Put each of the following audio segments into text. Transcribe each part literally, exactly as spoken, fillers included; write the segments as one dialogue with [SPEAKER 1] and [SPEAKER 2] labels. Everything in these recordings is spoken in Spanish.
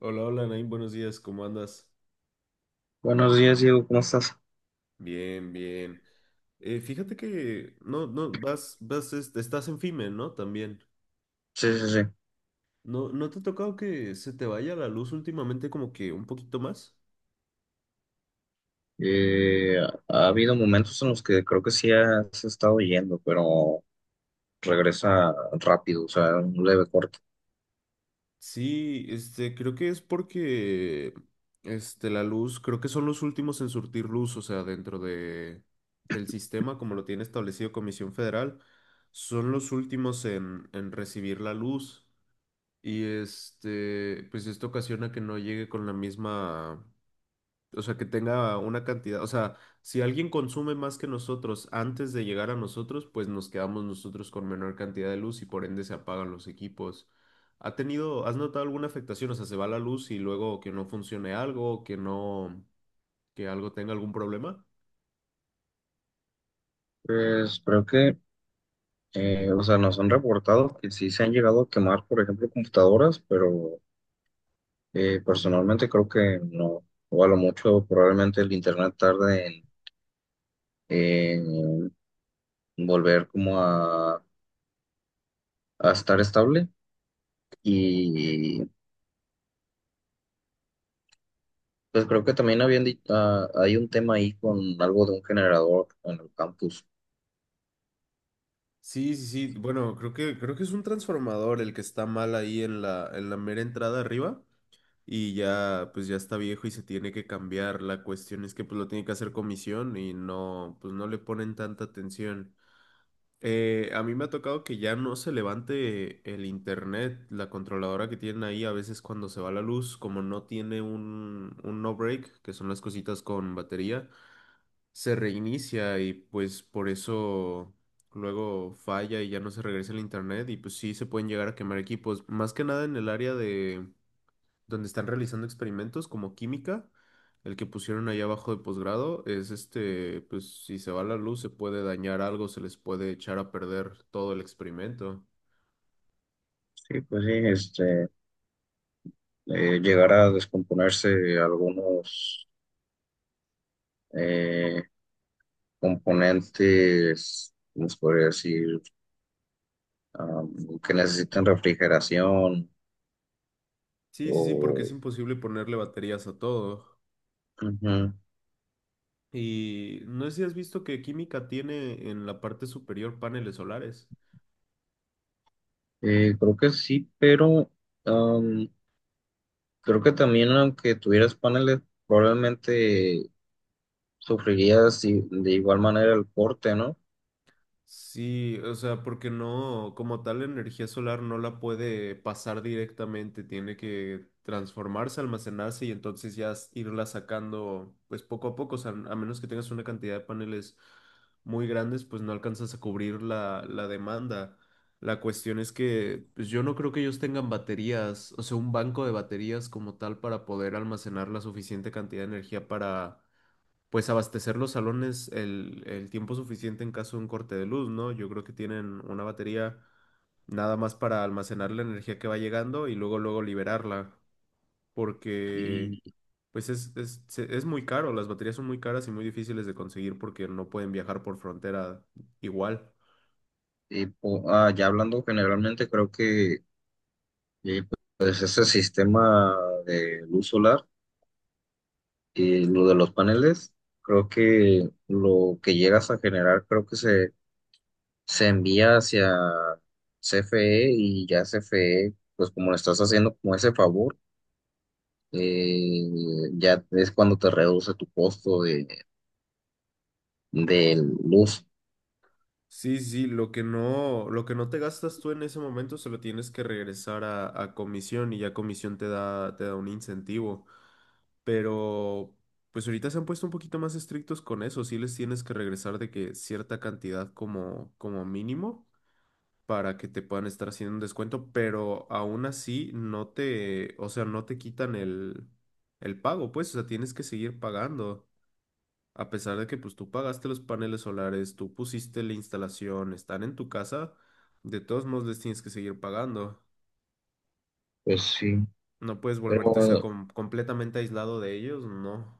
[SPEAKER 1] Hola, hola, Naim, buenos días, ¿cómo andas?
[SPEAKER 2] Buenos días, Diego, ¿cómo estás?
[SPEAKER 1] Bien, bien. Eh, fíjate que no, no, vas, vas, este, estás en FIME, ¿no? También.
[SPEAKER 2] Sí, sí, sí.
[SPEAKER 1] ¿No, no te ha tocado que se te vaya la luz últimamente como que un poquito más?
[SPEAKER 2] Eh, Ha habido momentos en los que creo que sí has estado yendo, pero regresa rápido, o sea, un leve corte.
[SPEAKER 1] Sí, este, creo que es porque, este, la luz, creo que son los últimos en surtir luz, o sea, dentro de, del sistema, como lo tiene establecido Comisión Federal, son los últimos en, en recibir la luz. Y este, pues esto ocasiona que no llegue con la misma, o sea, que tenga una cantidad, o sea, si alguien consume más que nosotros antes de llegar a nosotros, pues nos quedamos nosotros con menor cantidad de luz y por ende se apagan los equipos. ¿Ha tenido, has notado alguna afectación? O sea, se va la luz y luego que no funcione algo, que no, que algo tenga algún problema.
[SPEAKER 2] Pues creo que, eh, o sea, nos han reportado que sí se han llegado a quemar, por ejemplo, computadoras, pero eh, personalmente creo que no, o a lo mucho probablemente el internet tarde en, en volver como a, a estar estable y pues creo que también habían dicho, hay un tema ahí con algo de un generador en el campus.
[SPEAKER 1] Sí, sí, sí. Bueno, creo que creo que es un transformador el que está mal ahí en la en la mera entrada arriba. Y ya pues ya está viejo y se tiene que cambiar. La cuestión es que pues lo tiene que hacer comisión y no, pues no le ponen tanta atención. Eh, a mí me ha tocado que ya no se levante el internet, la controladora que tienen ahí a veces cuando se va la luz, como no tiene un, un no break, que son las cositas con batería, se reinicia y pues por eso luego falla y ya no se regresa el internet y pues sí se pueden llegar a quemar equipos, más que nada en el área de donde están realizando experimentos como química. El que pusieron ahí abajo de posgrado es este, pues si se va la luz se puede dañar algo, se les puede echar a perder todo el experimento.
[SPEAKER 2] Sí, pues sí, este, eh, llegar a descomponerse algunos eh, componentes, ¿cómo se podría decir? Am, que necesitan refrigeración
[SPEAKER 1] Sí, sí, sí, porque es
[SPEAKER 2] o...
[SPEAKER 1] imposible ponerle baterías a todo.
[SPEAKER 2] Ujú.
[SPEAKER 1] Y no sé si has visto que química tiene en la parte superior paneles solares.
[SPEAKER 2] Eh, creo que sí, pero am, creo que también aunque tuvieras paneles, probablemente sufrirías i- de igual manera el corte, ¿no?
[SPEAKER 1] Sí, o sea, porque no, como tal, la energía solar no la puede pasar directamente, tiene que transformarse, almacenarse y entonces ya s- irla sacando, pues poco a poco, o sea, a menos que tengas una cantidad de paneles muy grandes, pues no alcanzas a cubrir la, la demanda. La cuestión es que pues yo no creo que ellos tengan baterías, o sea, un banco de baterías como tal para poder almacenar la suficiente cantidad de energía para pues abastecer los salones el, el tiempo suficiente en caso de un corte de luz, ¿no? Yo creo que tienen una batería nada más para almacenar la energía que va llegando y luego luego liberarla, porque pues es, es, se- es muy caro, las baterías son muy caras y muy difíciles de conseguir porque no pueden viajar por frontera igual.
[SPEAKER 2] Y po- ah, ya hablando generalmente, creo que eh, pues ese sistema de luz solar y lo de los paneles, creo que lo que llegas a generar, creo que se, se envía hacia C F E, y ya C F E, pues como le estás haciendo como ese favor, eh, ya es cuando te reduce tu costo de, de luz.
[SPEAKER 1] Sí, sí, sí, lo que no, lo que no te gastas tú en ese momento se lo tienes que regresar a, a comisión y ya comisión te da, te da un incentivo. Pero pues ahorita se han puesto un poquito más estrictos con eso. Sí les tienes que regresar de que cierta cantidad como, como mínimo para que te puedan estar haciendo un descuento, pero aún así no te, o sea, no te quitan el, el pago, pues, o sea, tienes que seguir pagando. A pesar de que pues tú pagaste los paneles solares, tú pusiste la instalación, están en tu casa, de todos modos les tienes que seguir pagando.
[SPEAKER 2] Pues sí,
[SPEAKER 1] No puedes volverte, o sea,
[SPEAKER 2] pero
[SPEAKER 1] com- completamente aislado de ellos, no.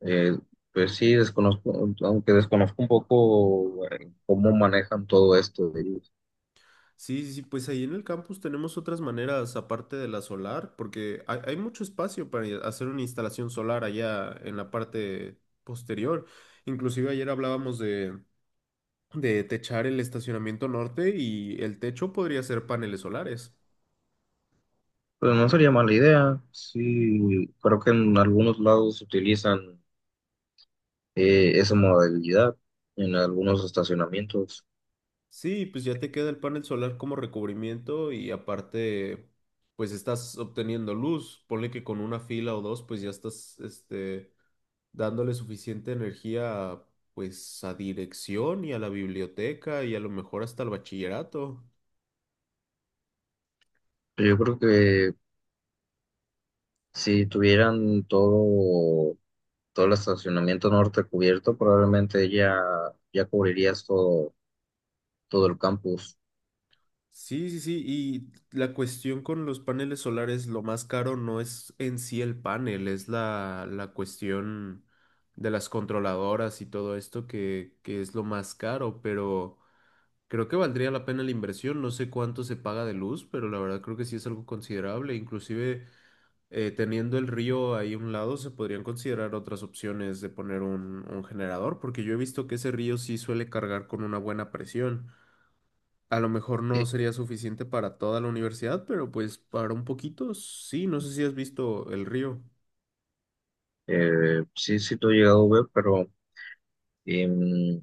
[SPEAKER 2] Eh, pues sí, desconozco, aunque desconozco un poco eh, cómo manejan todo esto de ellos.
[SPEAKER 1] Sí, sí, sí, pues ahí en el campus tenemos otras maneras aparte de la solar, porque hay, hay mucho espacio para i- hacer una instalación solar allá en la parte posterior. Inclusive ayer hablábamos de, de techar el estacionamiento norte y el techo podría ser paneles solares.
[SPEAKER 2] Pues no sería mala idea. Sí, creo que en algunos lados utilizan eh, esa modalidad, en algunos estacionamientos.
[SPEAKER 1] Sí, pues ya te queda el panel solar como recubrimiento y aparte, pues estás obteniendo luz. Ponle que con una fila o dos, pues ya estás, este, dándole suficiente energía a, pues a dirección y a la biblioteca y a lo mejor hasta el bachillerato.
[SPEAKER 2] Pero yo creo que si tuvieran todo, todo el estacionamiento norte cubierto, probablemente ya, ya cubrirías todo, todo el campus.
[SPEAKER 1] Sí, sí, sí, y la cuestión con los paneles solares, lo más caro no es en sí el panel, es la, la cuestión de las controladoras y todo esto que, que es lo más caro, pero creo que valdría la pena la inversión, no sé cuánto se paga de luz, pero la verdad creo que sí es algo considerable, inclusive. Eh, teniendo el río ahí a un lado, se podrían considerar otras opciones de poner un, un generador, porque yo he visto que ese río sí suele cargar con una buena presión. A lo mejor no
[SPEAKER 2] Sí,
[SPEAKER 1] sería suficiente para toda la universidad, pero pues para un poquito sí, no sé si has visto el río.
[SPEAKER 2] Eh, sí, sí, lo he llegado a ver, pero... em,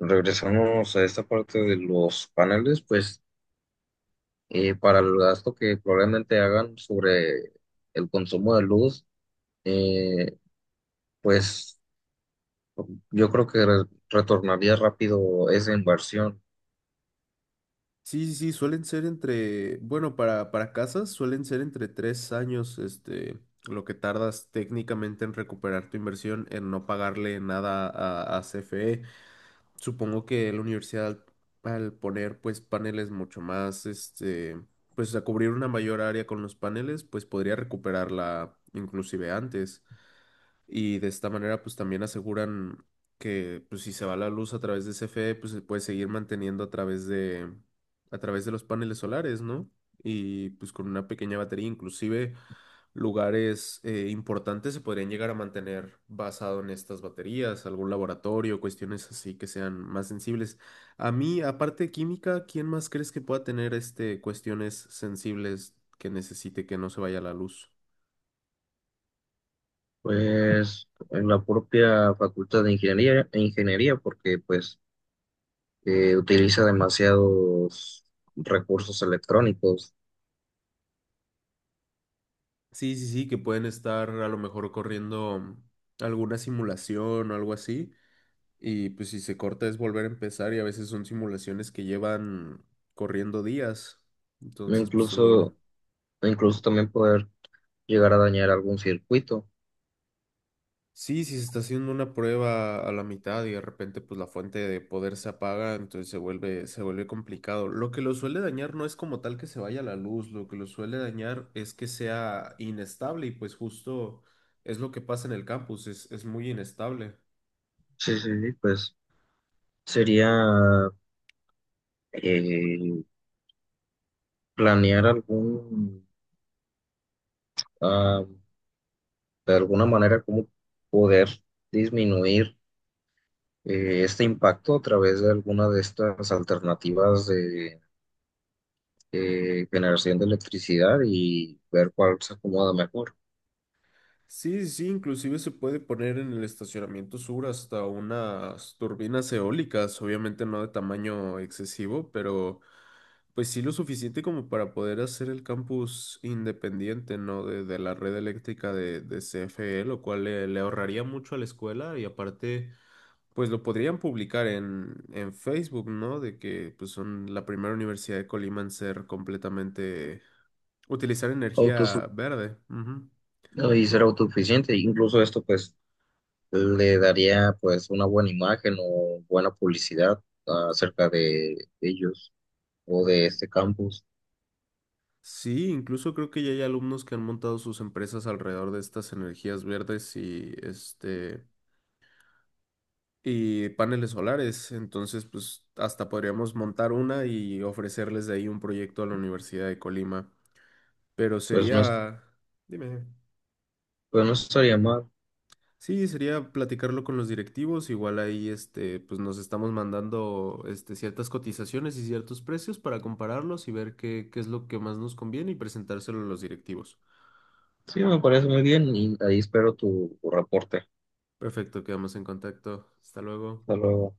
[SPEAKER 2] regresamos a esta parte de los paneles, pues eh, para el gasto que probablemente hagan sobre el consumo de luz, eh, pues yo creo que re- retornaría rápido esa inversión,
[SPEAKER 1] Sí, sí, sí, suelen ser entre, bueno, para, para casas suelen ser entre tres años, este, lo que tardas técnicamente en recuperar tu inversión, en no pagarle nada a, a C F E. Supongo que la universidad al al poner pues paneles mucho más, este, pues a cubrir una mayor área con los paneles, pues podría recuperarla inclusive antes y de esta manera pues también aseguran que pues si se va la luz a través de C F E pues se puede seguir manteniendo a través de a través de los paneles solares, ¿no? Y pues con una pequeña batería inclusive lugares eh, importantes se podrían llegar a mantener basado en estas baterías, algún laboratorio, cuestiones así que sean más sensibles. A mí, aparte de química, ¿quién más crees que pueda tener este cuestiones sensibles que necesite que no se vaya la luz?
[SPEAKER 2] pues en la propia Facultad de Ingeniería, e Ingeniería porque pues eh, utiliza demasiados recursos electrónicos,
[SPEAKER 1] Sí, sí, sí, que pueden estar a lo mejor corriendo alguna simulación o algo así. Y pues si se corta es volver a empezar y a veces son simulaciones que llevan corriendo días.
[SPEAKER 2] e
[SPEAKER 1] Entonces pues se vuelve.
[SPEAKER 2] incluso, e
[SPEAKER 1] Yeah.
[SPEAKER 2] incluso también poder llegar a dañar algún circuito.
[SPEAKER 1] Sí, si se está haciendo una prueba a la mitad y de repente pues la fuente de poder se apaga, entonces se vuelve, se vuelve complicado. Lo que lo suele dañar no es como tal que se vaya la luz, lo que lo suele dañar es que sea inestable y pues justo es lo que pasa en el campus, es, es muy inestable.
[SPEAKER 2] Sí, sí, sí, pues sería eh, planear algún, ah, de alguna manera cómo poder disminuir eh, este impacto a través de alguna de estas alternativas de eh, generación de electricidad y ver cuál se acomoda mejor.
[SPEAKER 1] Sí, sí, sí, inclusive se puede poner en el estacionamiento sur hasta unas turbinas eólicas, obviamente no de tamaño excesivo, pero pues sí lo suficiente como para poder hacer el campus independiente, ¿no? De, de la red eléctrica de, de C F E, lo cual le, le ahorraría mucho a la escuela y aparte, pues lo podrían publicar en, en Facebook, ¿no? De que pues son la primera universidad de Colima en ser completamente, utilizar energía
[SPEAKER 2] Autosu-
[SPEAKER 1] verde. Ujú.
[SPEAKER 2] no, y ser autosuficiente, incluso esto pues le daría pues una buena imagen o buena publicidad acerca de ellos o de este campus,
[SPEAKER 1] Sí, incluso creo que ya hay alumnos que han montado sus empresas alrededor de estas energías verdes y este y paneles solares. Entonces, pues hasta podríamos montar una y ofrecerles de ahí un proyecto a la Universidad de Colima. Pero
[SPEAKER 2] pues no, es-
[SPEAKER 1] sería, dime,
[SPEAKER 2] pues no estaría mal.
[SPEAKER 1] sí, sería platicarlo con los directivos. Igual ahí, este, pues nos estamos mandando este ciertas cotizaciones y ciertos precios para compararlos y ver qué, qué es lo que más nos conviene y presentárselo a los directivos.
[SPEAKER 2] Sí, me parece muy bien y ahí espero tu, tu reporte.
[SPEAKER 1] Perfecto, quedamos en contacto. Hasta luego.
[SPEAKER 2] Hasta luego.